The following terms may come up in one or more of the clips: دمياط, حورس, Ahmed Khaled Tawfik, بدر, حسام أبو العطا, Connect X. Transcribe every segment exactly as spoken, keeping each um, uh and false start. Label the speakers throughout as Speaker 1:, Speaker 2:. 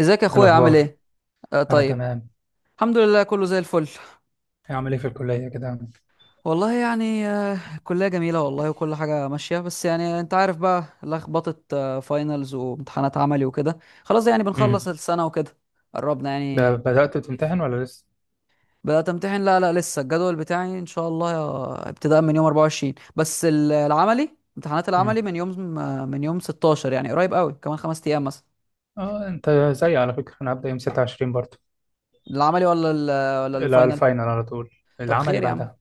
Speaker 1: ازيك يا
Speaker 2: إيه
Speaker 1: اخويا عامل
Speaker 2: الأخبار؟
Speaker 1: ايه؟ آه،
Speaker 2: أنا
Speaker 1: طيب.
Speaker 2: تمام.
Speaker 1: الحمد لله، كله زي الفل.
Speaker 2: إيه عامل إيه في الكلية كده؟
Speaker 1: والله يعني آه الكلية جميلة والله، وكل حاجة ماشية، بس يعني انت عارف بقى لخبطة آه فاينلز وامتحانات عملي وكده. خلاص يعني بنخلص
Speaker 2: امم.
Speaker 1: السنة وكده، قربنا
Speaker 2: ب-
Speaker 1: يعني.
Speaker 2: بدأت تمتحن ولا لسه؟
Speaker 1: بدأت امتحن، لا لا لسه. الجدول بتاعي ان شاء الله يا- ابتداء من يوم أربعة وعشرين، بس ال- العملي، امتحانات العملي
Speaker 2: امم.
Speaker 1: من يوم آه، من يوم ستاشر، يعني قريب قوي كمان خمس ايام مثلا.
Speaker 2: آه، أنت زيي على فكرة، أنا هبدأ يوم ستة وعشرين برضه.
Speaker 1: العملي ولا ال- آه، ولا
Speaker 2: لا،
Speaker 1: الفاينل؟
Speaker 2: الفاينل على طول.
Speaker 1: طب
Speaker 2: العملي
Speaker 1: خير يا عم.
Speaker 2: بعدها.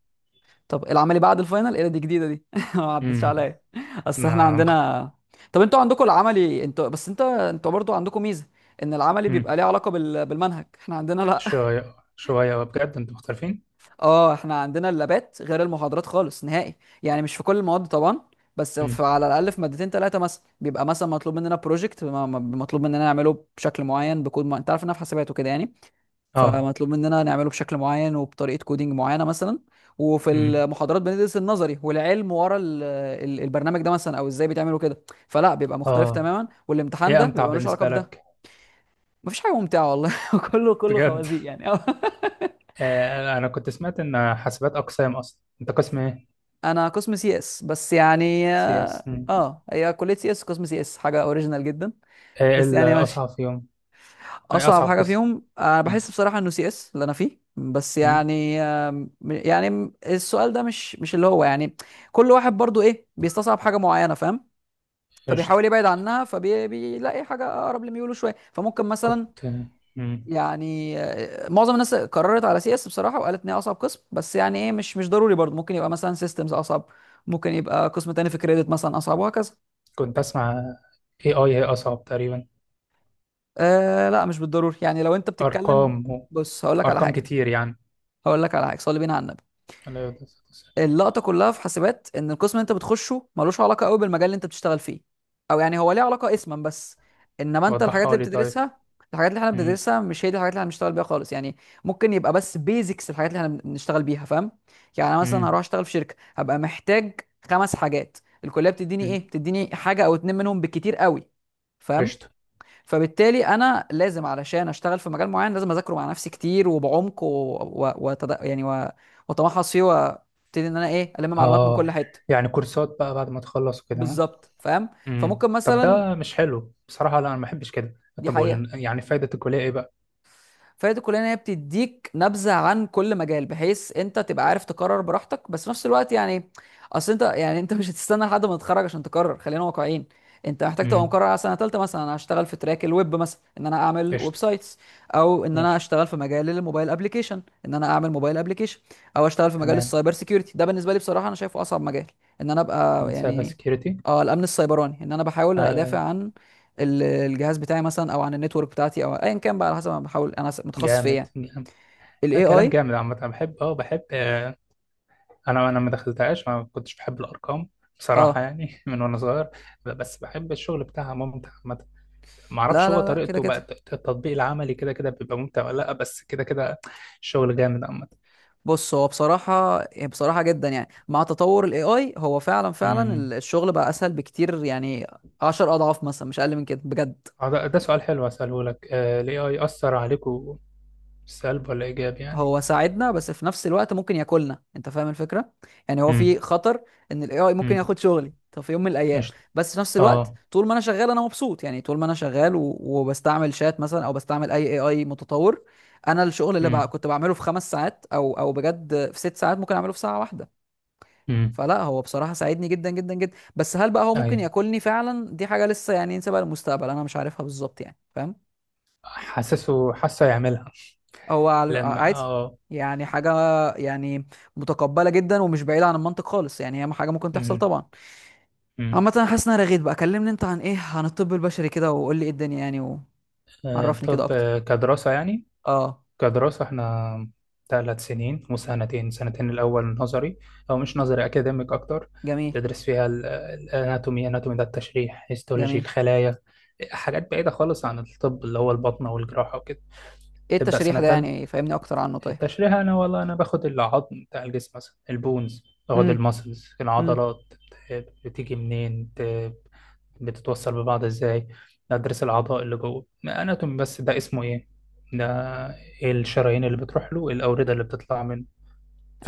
Speaker 1: طب العملي بعد الفاينل؟ ايه ده، دي جديده دي ما عدتش
Speaker 2: امم.
Speaker 1: عليا. اصل احنا
Speaker 2: ما مخت...
Speaker 1: عندنا. طب انتوا عندكم العملي انتوا، بس انت انتوا برضو عندكم ميزه ان العملي بيبقى
Speaker 2: امم.
Speaker 1: ليه علاقه بال... بالمنهج، احنا عندنا لا.
Speaker 2: شوية شوية، بجد أنتوا مختلفين؟
Speaker 1: اه، احنا عندنا اللابات غير المحاضرات خالص نهائي. يعني مش في كل المواد طبعا، بس
Speaker 2: امم.
Speaker 1: في على الاقل في مادتين ثلاثه مثلا بيبقى مثلا مطلوب مننا بروجكت، مطلوب مننا نعمله بشكل معين بكود، ما... انت عارف انها في حسابات وكده يعني.
Speaker 2: آه.
Speaker 1: فمطلوب مننا نعمله بشكل معين وبطريقه كودينج معينه مثلا. وفي
Speaker 2: امم.
Speaker 1: المحاضرات بندرس النظري والعلم ورا ال- ال- البرنامج ده مثلا، او ازاي بيتعملوا كده. فلا، بيبقى مختلف
Speaker 2: آه.
Speaker 1: تماما، والامتحان
Speaker 2: إيه
Speaker 1: ده
Speaker 2: أمتع
Speaker 1: بيبقى ملوش علاقه
Speaker 2: بالنسبة لك؟
Speaker 1: بده. مفيش حاجه ممتعه والله. كله كله
Speaker 2: بجد؟
Speaker 1: خوازيق يعني.
Speaker 2: آه، أنا كنت سمعت إن حاسبات أقسام، أصلا أنت قسم إيه؟
Speaker 1: انا قسم سي اس، بس يعني
Speaker 2: سي إس.
Speaker 1: اه آه، هي كليه سي اس قسم سي اس، حاجه اوريجينال جدا.
Speaker 2: إيه
Speaker 1: بس يعني ماشي.
Speaker 2: الأصعب فيهم؟ أي
Speaker 1: اصعب
Speaker 2: أصعب
Speaker 1: حاجه
Speaker 2: قسم؟
Speaker 1: فيهم انا بحس بصراحه انه سي اس اللي انا فيه، بس
Speaker 2: امم.
Speaker 1: يعني آم، يعني السؤال ده مش مش اللي هو يعني. كل واحد برضو ايه بيستصعب حاجه معينه، فاهم؟
Speaker 2: قشطة.
Speaker 1: فبيحاول يبعد عنها، فبيلاقي حاجه اقرب لميوله شويه، فممكن مثلا
Speaker 2: كنت. مم.
Speaker 1: يعني آه، معظم الناس قررت على سي اس بصراحه، وقالت ان هي اصعب قسم، بس يعني ايه، مش مش ضروري برضو. ممكن يبقى مثلا سيستمز اصعب، ممكن يبقى قسم تاني في كريدت مثلا اصعب، وهكذا.
Speaker 2: كنت أسمع إيه آي هي أصعب تقريبا.
Speaker 1: آه لا، مش بالضروري. يعني لو انت بتتكلم،
Speaker 2: أرقام و...
Speaker 1: بص هقول لك على
Speaker 2: أرقام
Speaker 1: حاجه.
Speaker 2: كتير يعني.
Speaker 1: هقول لك على حاجه، صلي بينا على النبي.
Speaker 2: لا، يا دكتور.
Speaker 1: اللقطه كلها في حاسبات ان القسم اللي انت بتخشه ملوش علاقه قوي بالمجال اللي انت بتشتغل فيه، او يعني هو ليه علاقه اسما بس. انما انت الحاجات
Speaker 2: وضحها
Speaker 1: اللي
Speaker 2: لي طيب.
Speaker 1: بتدرسها، الحاجات اللي احنا
Speaker 2: مم.
Speaker 1: بندرسها مش هي دي الحاجات اللي هنشتغل بيها خالص يعني. ممكن يبقى بس بيزكس الحاجات اللي احنا بنشتغل بيها، فاهم؟ يعني انا مثلا
Speaker 2: مم.
Speaker 1: هروح اشتغل في شركه، هبقى محتاج خمس حاجات، الكليه بتديني
Speaker 2: مم.
Speaker 1: ايه؟ بتديني حاجه او اتنين منهم بالكتير قوي، فاهم؟
Speaker 2: قشطة.
Speaker 1: فبالتالي انا لازم علشان اشتغل في مجال معين لازم اذاكره مع نفسي كتير وبعمق، و... و... وتد... يعني و... واتمحص فيه، وابتدي ان انا ايه الم معلومات من
Speaker 2: آه،
Speaker 1: كل حته.
Speaker 2: يعني كورسات بقى بعد ما تخلص وكده، ها؟
Speaker 1: بالظبط، فاهم.
Speaker 2: مم.
Speaker 1: فممكن
Speaker 2: طب
Speaker 1: مثلا،
Speaker 2: ده مش حلو بصراحة، لا أنا ما بحبش كده.
Speaker 1: دي
Speaker 2: طب
Speaker 1: حقيقه.
Speaker 2: وال... يعني فايدة الكلية إيه بقى؟
Speaker 1: فهي دي كلها ان هي بتديك نبذه عن كل مجال، بحيث انت تبقى عارف تقرر براحتك. بس في نفس الوقت يعني، اصل انت يعني انت مش هتستنى لحد ما تتخرج عشان تقرر، خلينا واقعيين. انت محتاج تبقى
Speaker 2: مم.
Speaker 1: مقرر على سنه ثالثه مثلا انا هشتغل في تراك الويب مثلا، ان انا اعمل ويب
Speaker 2: قشطة.
Speaker 1: سايتس، او ان انا
Speaker 2: ماشي.
Speaker 1: اشتغل في مجال الموبايل ابلكيشن، ان انا اعمل موبايل ابلكيشن، او اشتغل في مجال
Speaker 2: تمام.
Speaker 1: السايبر سيكيورتي. ده بالنسبه لي بصراحه انا شايفه اصعب مجال، ان انا ابقى
Speaker 2: سايبر
Speaker 1: يعني
Speaker 2: سكيورتي.
Speaker 1: اه الامن السيبراني، ان انا بحاول
Speaker 2: أيوه
Speaker 1: ادافع
Speaker 2: أيوه.
Speaker 1: عن ال- الجهاز بتاعي مثلا، او عن النتورك بتاعتي، او ايا كان بقى على حسب انا بحاول انا س- متخصص في ايه
Speaker 2: جامد
Speaker 1: يعني.
Speaker 2: جامد. لا
Speaker 1: الاي
Speaker 2: كلام
Speaker 1: اي.
Speaker 2: جامد، عامة أنا بحب أه بحب آه، انا انا ما دخلتهاش، ما كنتش بحب الارقام بصراحه
Speaker 1: اه،
Speaker 2: يعني، من وانا صغير. بس بحب الشغل بتاعها، ممتع عامه. ما
Speaker 1: لا
Speaker 2: اعرفش هو
Speaker 1: لا لا كده
Speaker 2: طريقته بقى،
Speaker 1: كده.
Speaker 2: الت- التطبيق العملي كده كده بيبقى ممتع ولا لا، بس كده كده. الشغل جامد عامه.
Speaker 1: بص هو بصراحة، بصراحة جدا يعني، مع تطور الاي اي هو فعلا فعلا ال-
Speaker 2: امم.
Speaker 1: الشغل بقى اسهل بكتير يعني، عشر اضعاف مثلا مش اقل من كده بجد.
Speaker 2: آه، ده ده سؤال حلو اساله لك، الاي اي اثر عليكم سلب ولا ايجاب يعني؟
Speaker 1: هو ساعدنا، بس في نفس الوقت ممكن ياكلنا، انت فاهم الفكره؟ يعني هو
Speaker 2: امم.
Speaker 1: في خطر ان الاي اي ممكن
Speaker 2: امم.
Speaker 1: ياخد شغلي طب في يوم من الايام.
Speaker 2: قشطه.
Speaker 1: بس في نفس الوقت
Speaker 2: اه.
Speaker 1: طول ما انا شغال انا مبسوط يعني. طول ما انا شغال و... وبستعمل شات مثلا، او بستعمل اي اي اي متطور، انا الشغل اللي بع...
Speaker 2: امم.
Speaker 1: كنت بعمله في خمس ساعات، او او بجد في ست ساعات، ممكن اعمله في ساعه واحده.
Speaker 2: امم.
Speaker 1: فلا، هو بصراحه ساعدني جدا جدا جدا. بس هل بقى هو ممكن
Speaker 2: ايوه.
Speaker 1: ياكلني فعلا؟ دي حاجه لسه يعني نسيبها للمستقبل، انا مش عارفها بالظبط يعني، فاهم؟
Speaker 2: حاسسه حاسه يعملها.
Speaker 1: هو على- آه،
Speaker 2: لما
Speaker 1: عادي
Speaker 2: اه
Speaker 1: يعني، حاجة يعني متقبلة جدا ومش بعيدة عن المنطق خالص يعني. هي حاجة ممكن تحصل
Speaker 2: امم.
Speaker 1: طبعا.
Speaker 2: امم.
Speaker 1: عامة أنا حاسس إن أنا رغيت بقى. كلمني أنت عن إيه؟ عن الطب البشري كده، وقول لي إيه الدنيا يعني،
Speaker 2: آه،
Speaker 1: وعرفني كده
Speaker 2: طب،
Speaker 1: أكتر.
Speaker 2: آه، كدراسه يعني.
Speaker 1: أه
Speaker 2: كدراسة احنا ثلاث سنين، وسنتين، سنتين الأول نظري، أو مش نظري، أكاديميك أكتر.
Speaker 1: جميل،
Speaker 2: تدرس فيها ال- الأناتومي. أناتومي ده التشريح، هيستولوجي
Speaker 1: جميل.
Speaker 2: الخلايا. حاجات بعيدة خالص عن الطب، اللي هو البطنة والجراحة وكده.
Speaker 1: إيه
Speaker 2: تبدأ
Speaker 1: التشريح
Speaker 2: سنة
Speaker 1: ده
Speaker 2: تالتة.
Speaker 1: يعني؟ فهمني أكتر عنه طيب.
Speaker 2: التشريح، أنا والله أنا باخد العظم بتاع الجسم مثلا، البونز، باخد
Speaker 1: امم.
Speaker 2: المسلز،
Speaker 1: امم.
Speaker 2: العضلات، بتيجي منين، بتتوصل ببعض ازاي، ادرس الاعضاء اللي جوه، اناتومي بس ده اسمه ايه، ده، ايه الشرايين اللي بتروح له، إيه الاورده اللي بتطلع منه،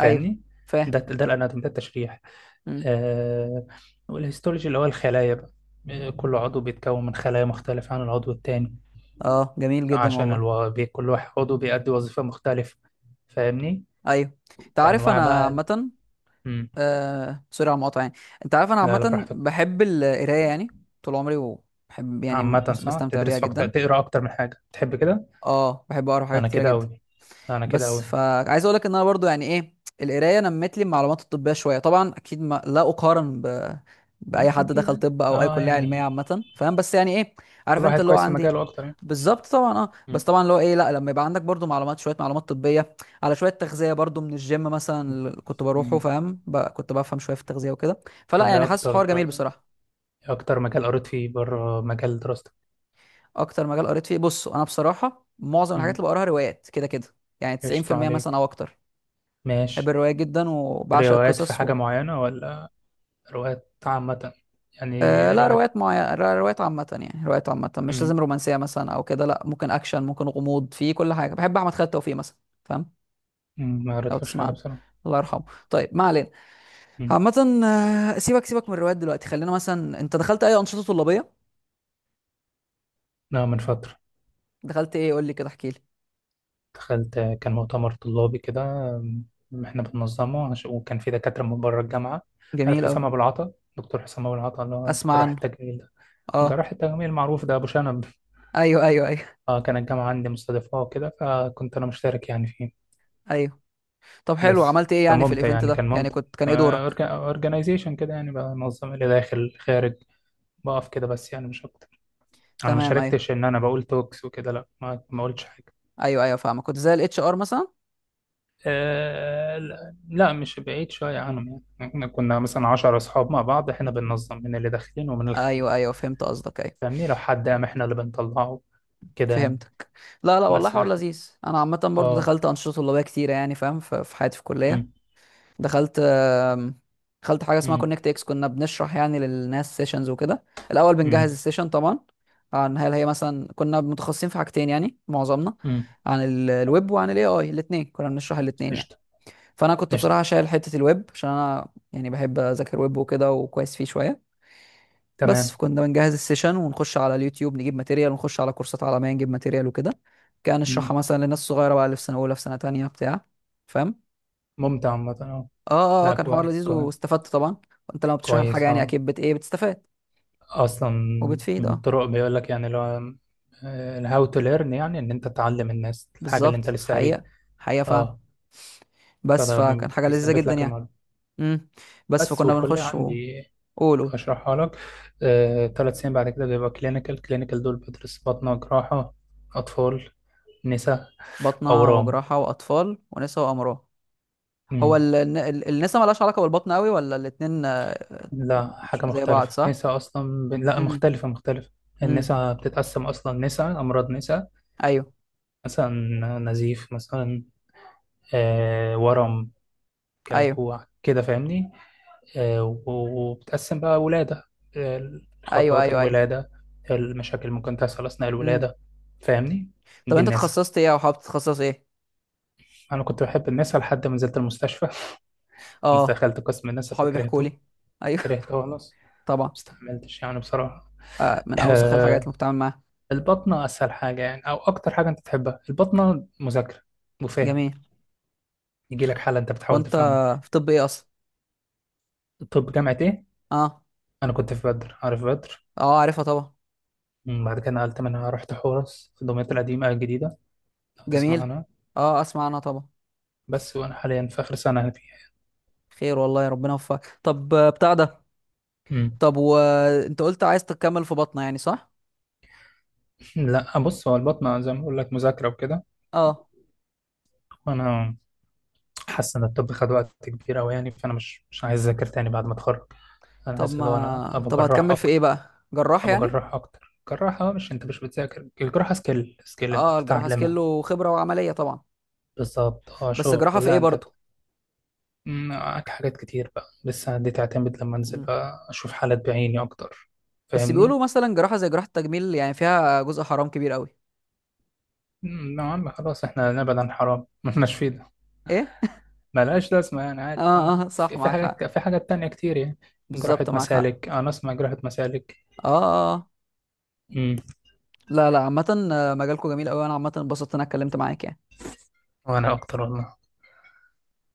Speaker 1: أيوه، فاهم.
Speaker 2: ده ده الاناتومي، ده التشريح.
Speaker 1: امم.
Speaker 2: آه. والهيستولوجي اللي هو الخلايا بقى. آه، كل عضو بيتكون من خلايا مختلفة عن العضو التاني،
Speaker 1: أه جميل جدا
Speaker 2: عشان
Speaker 1: والله.
Speaker 2: الو... بي... كل واحد عضو بيأدي وظيفة مختلفة، فاهمني؟
Speaker 1: أيوه. أنت عارف
Speaker 2: فأنواع
Speaker 1: أنا
Speaker 2: بقى ال-
Speaker 1: عامة،
Speaker 2: مم.
Speaker 1: آه سوري على المقاطعة يعني، انت عارف انا
Speaker 2: لا لا،
Speaker 1: عامة
Speaker 2: براحتك.
Speaker 1: بحب القراية يعني، طول عمري، وبحب يعني
Speaker 2: عامة
Speaker 1: مس-
Speaker 2: صح،
Speaker 1: بستمتع بيها
Speaker 2: تدرس فاكتور
Speaker 1: جدا.
Speaker 2: تقرا أكتر من حاجة تحب كده.
Speaker 1: اه، بحب اقرا حاجات
Speaker 2: أنا
Speaker 1: كتيرة
Speaker 2: كده
Speaker 1: جدا.
Speaker 2: أوي. أنا كده
Speaker 1: بس
Speaker 2: أوي.
Speaker 1: فعايز اقول لك ان انا برضو يعني ايه، القرايه نمت لي المعلومات الطبيه شويه طبعا، اكيد ما لا اقارن ب...
Speaker 2: مم،
Speaker 1: باي حد
Speaker 2: اكيد
Speaker 1: دخل
Speaker 2: يعني.
Speaker 1: طب او اي
Speaker 2: اه
Speaker 1: كليه علميه
Speaker 2: يعني.
Speaker 1: عامه، فاهم؟ بس يعني ايه، عارف
Speaker 2: كل
Speaker 1: انت
Speaker 2: واحد
Speaker 1: اللي هو
Speaker 2: كويس في
Speaker 1: عندي.
Speaker 2: مجاله اكتر يعني.
Speaker 1: بالظبط طبعا. اه بس
Speaker 2: مم.
Speaker 1: طبعا اللي هو ايه، لا لما يبقى عندك برضو معلومات شويه، معلومات طبيه، على شويه تغذيه برضو من الجيم مثلا اللي كنت بروحه،
Speaker 2: مم.
Speaker 1: فاهم؟ ب... كنت بفهم شويه في التغذيه وكده. فلا
Speaker 2: طب ايه
Speaker 1: يعني حاسس حوار
Speaker 2: اكتر،
Speaker 1: جميل بصراحه.
Speaker 2: ايه اكتر مجال قريت فيه بره مجال دراستك؟
Speaker 1: اكتر مجال قريت فيه، بص انا بصراحه معظم الحاجات
Speaker 2: مم.
Speaker 1: اللي بقراها روايات كده كده، يعني
Speaker 2: قشطة
Speaker 1: تسعين في المية مثلا
Speaker 2: عليك.
Speaker 1: او اكتر. بحب
Speaker 2: ماشي.
Speaker 1: الرواية جدا وبعشق
Speaker 2: روايات، في
Speaker 1: القصص و...
Speaker 2: حاجة معينة، ولا روايات عامة،
Speaker 1: آه
Speaker 2: يعني
Speaker 1: لا،
Speaker 2: روايات؟
Speaker 1: روايات معينة، روايات عامة. يعني روايات عامة مش
Speaker 2: مم.
Speaker 1: لازم رومانسية مثلا أو كده، لا. ممكن أكشن، ممكن غموض، في كل حاجة. بحب أحمد خالد توفيق مثلا. فاهم؟
Speaker 2: مم، ما
Speaker 1: لو
Speaker 2: قريتلوش
Speaker 1: تسمع
Speaker 2: حاجة
Speaker 1: عنه.
Speaker 2: بصراحة.
Speaker 1: الله يرحمه. طيب ما علينا.
Speaker 2: مم.
Speaker 1: عامة آه، سيبك سيبك من الروايات دلوقتي. خلينا مثلا، أنت دخلت أي أنشطة طلابية؟
Speaker 2: لا، من فترة.
Speaker 1: دخلت إيه؟ قول لي كده، احكي لي.
Speaker 2: دخلت، كان مؤتمر طلابي كده. مم، احنا بننظمه، عش- وكان في دكاترة من بره الجامعة. عارف
Speaker 1: جميل أوي.
Speaker 2: حسام أبو العطا؟ دكتور حسام أبو العطا اللي هو
Speaker 1: أسمع
Speaker 2: جراح
Speaker 1: عنه.
Speaker 2: التجميل ده،
Speaker 1: أه.
Speaker 2: جراح التجميل المعروف ده، أبو شنب.
Speaker 1: أيوه أيوه أيوه.
Speaker 2: اه، كان الجامعة عندي مستضيفاه وكده، فكنت أنا مشترك يعني فيه.
Speaker 1: أيوه. طب حلو،
Speaker 2: بس
Speaker 1: عملت إيه يعني في
Speaker 2: فممتع
Speaker 1: الإيفنت
Speaker 2: يعني،
Speaker 1: ده
Speaker 2: كان
Speaker 1: يعني؟
Speaker 2: ممتع.
Speaker 1: كنت، كان إيه دورك؟
Speaker 2: اورجنايزيشن كده، يعني بنظم اللي داخل خارج، بقف كده بس، يعني مش أكتر. أنا ما
Speaker 1: تمام. أيوه
Speaker 2: شاركتش إن أنا بقول توكس وكده، لا، ما ما قلتش حاجة.
Speaker 1: أيوه أيوه، فاهمك. كنت زي الاتش ار مثلا.
Speaker 2: آه لا لا، مش بعيد شوية عنهم، يعني احنا كنا مثلا عشر أصحاب مع بعض، احنا بننظم من اللي داخلين ومن
Speaker 1: ايوه
Speaker 2: الخارجين،
Speaker 1: ايوه فهمت قصدك، ايوه.
Speaker 2: فاهمني؟ لو حد قام، احنا اللي بنطلعه، كده يعني.
Speaker 1: فهمتك. لا لا والله
Speaker 2: بس ده
Speaker 1: حوار
Speaker 2: كان.
Speaker 1: لذيذ. انا عامه برضو
Speaker 2: اه.
Speaker 1: دخلت انشطه طلابيه كتيره يعني، فاهم؟ ف- في حياتي في الكليه.
Speaker 2: امم.
Speaker 1: دخلت آم، دخلت حاجه اسمها
Speaker 2: امم.
Speaker 1: كونكت اكس، كنا بنشرح يعني للناس سيشنز وكده. الاول بنجهز
Speaker 2: امم.
Speaker 1: السيشن طبعا، عن هل هي مثلا، كنا متخصصين في حاجتين يعني معظمنا،
Speaker 2: امم.
Speaker 1: عن ال- الويب وعن الاي اي. الاثنين كنا بنشرح، الاثنين يعني.
Speaker 2: قشطة.
Speaker 1: فانا كنت
Speaker 2: قشطة.
Speaker 1: بصراحه شايل حته الويب، عشان انا يعني بحب اذاكر ويب وكده، وكويس فيه شويه. بس
Speaker 2: تمام.
Speaker 1: كنا بنجهز السيشن ونخش على اليوتيوب نجيب ماتيريال، ونخش على كورسات عالمية نجيب ماتيريال وكده. كان
Speaker 2: مم.
Speaker 1: نشرحها مثلا للناس الصغيرة بقى، اللي في سنة أولى في سنة تانية بتاع. فاهم؟
Speaker 2: ممتع عامة، اه.
Speaker 1: اه اه اه،
Speaker 2: لا،
Speaker 1: كان حوار
Speaker 2: كويس
Speaker 1: لذيذ
Speaker 2: كويس.
Speaker 1: واستفدت طبعا. وانت لما بتشرح الحاجة
Speaker 2: كويس
Speaker 1: يعني
Speaker 2: اه.
Speaker 1: أكيد بت ايه، بتستفاد
Speaker 2: اصلا،
Speaker 1: وبتفيد.
Speaker 2: من
Speaker 1: اه
Speaker 2: الطرق بيقول لك يعني، لو الهاو تو ليرن، يعني ان انت تعلم الناس الحاجة اللي انت
Speaker 1: بالظبط.
Speaker 2: لسه قاريها.
Speaker 1: حقيقة، حقيقة فعلا.
Speaker 2: اه.
Speaker 1: بس
Speaker 2: فده
Speaker 1: فكان
Speaker 2: بي-
Speaker 1: حاجة لذيذة
Speaker 2: بيثبت
Speaker 1: جدا
Speaker 2: لك
Speaker 1: يعني.
Speaker 2: المعلومة.
Speaker 1: امم. بس
Speaker 2: بس
Speaker 1: فكنا
Speaker 2: والكلية
Speaker 1: بنخش
Speaker 2: عندي
Speaker 1: وقولوا.
Speaker 2: هشرحها لك. آه، تلات سنين بعد كده بيبقى كلينيكال، كلينيكال دول بدرس بطنة، جراحة، أطفال، نساء،
Speaker 1: بطنة
Speaker 2: أورام.
Speaker 1: وجراحة وأطفال ونساء وأمراض. هو
Speaker 2: مم.
Speaker 1: ال- ال- النساء ملهاش علاقة بالبطن قوي؟ ولا الاتنين آه،
Speaker 2: لا، حاجة
Speaker 1: زي بعض
Speaker 2: مختلفة،
Speaker 1: صح؟
Speaker 2: نساء أصلا ب... لا،
Speaker 1: امم.
Speaker 2: مختلفة مختلفة.
Speaker 1: امم.
Speaker 2: النساء بتتقسم أصلا نساء أمراض، نساء
Speaker 1: ايوه
Speaker 2: مثلا نزيف مثلا، آه، ورم
Speaker 1: ايوه
Speaker 2: كلكوع كده، فاهمني؟ آه، و- وبتقسم بقى ولادة، آه،
Speaker 1: ايوه.
Speaker 2: خطوات
Speaker 1: ايوه. ايوه.
Speaker 2: الولادة، المشاكل ممكن تحصل أثناء
Speaker 1: امم.
Speaker 2: الولادة، فاهمني؟
Speaker 1: طب
Speaker 2: دي
Speaker 1: انت
Speaker 2: النساء.
Speaker 1: اتخصصت ايه او حابب تتخصص ايه؟
Speaker 2: أنا كنت بحب النساء لحد ما نزلت المستشفى.
Speaker 1: اه
Speaker 2: دخلت قسم النساء
Speaker 1: صحابي بيحكوا
Speaker 2: فكرهته،
Speaker 1: لي. ايوه.
Speaker 2: كرهته خلاص،
Speaker 1: طبعا.
Speaker 2: مستحملتش يعني بصراحة.
Speaker 1: آه من اوسخ الحاجات
Speaker 2: آه،
Speaker 1: اللي بتعامل معاها.
Speaker 2: البطنة أسهل حاجة يعني، أو أكتر حاجة أنت تحبها البطنة، مذاكرة وفهم،
Speaker 1: جميل.
Speaker 2: يجي لك حالة أنت بتحاول
Speaker 1: وانت
Speaker 2: تفهمها.
Speaker 1: في طب ايه اصلا؟
Speaker 2: طب جامعة إيه؟
Speaker 1: اه.
Speaker 2: انا كنت في بدر، عارف بدر.
Speaker 1: اه عارفها طبعا.
Speaker 2: مم، بعد كده نقلت منها، رحت حورس في دمياط القديمه الجديده، لو تسمع
Speaker 1: جميل.
Speaker 2: عنها.
Speaker 1: اه اسمع عنها طبعا.
Speaker 2: بس وانا حاليا في اخر سنه فيها.
Speaker 1: خير والله، ربنا يوفقك. طب آه، بتاع ده،
Speaker 2: مم.
Speaker 1: طب وانت قلت عايز تكمل في بطنه يعني صح؟
Speaker 2: لا، بص، هو البطنه زي ما بقول لك، مذاكره وكده،
Speaker 1: اه.
Speaker 2: وانا حاسس ان الطب خد وقت كبير قوي يعني، فانا مش مش عايز اذاكر تاني بعد ما اتخرج. انا
Speaker 1: طب
Speaker 2: عايز اللي هو انا
Speaker 1: ما
Speaker 2: ابقى
Speaker 1: طب
Speaker 2: جراح
Speaker 1: هتكمل في ايه
Speaker 2: اكتر،
Speaker 1: بقى، جراح
Speaker 2: ابقى
Speaker 1: يعني؟
Speaker 2: جراح اكتر جراحه، آه، مش انت مش بتذاكر الجراحه، سكيل سكيل انت
Speaker 1: اه الجراحه
Speaker 2: بتتعلمها.
Speaker 1: سكيل وخبره وعمليه طبعا.
Speaker 2: بالظبط، اه
Speaker 1: بس
Speaker 2: شغل،
Speaker 1: جراحه في
Speaker 2: لا
Speaker 1: ايه
Speaker 2: انت.
Speaker 1: برضو؟
Speaker 2: مم، معاك حاجات كتير بقى لسه، دي تعتمد لما انزل
Speaker 1: مم.
Speaker 2: بقى اشوف حالات بعيني اكتر،
Speaker 1: بس
Speaker 2: فاهمني؟
Speaker 1: بيقولوا مثلا جراحة زي جراحة التجميل يعني فيها جزء حرام كبير قوي.
Speaker 2: مم، يا عم خلاص، احنا نبعد عن حرام مالناش فيه ده.
Speaker 1: ايه.
Speaker 2: ملهاش لازمه يعني، عادي.
Speaker 1: اه
Speaker 2: اه
Speaker 1: اه صح،
Speaker 2: في في
Speaker 1: معاك
Speaker 2: حاجات،
Speaker 1: حق.
Speaker 2: في حاجات تانية كتير يعني. جراحة
Speaker 1: بالظبط، معاك حق.
Speaker 2: مسالك، انا اسمع جراحة مسالك.
Speaker 1: اه اه آه.
Speaker 2: مم،
Speaker 1: لا لا عامة آه، مجالكم جميل قوي، انا عامة انبسطت إن انا اتكلمت معاك يعني.
Speaker 2: وانا اكتر والله.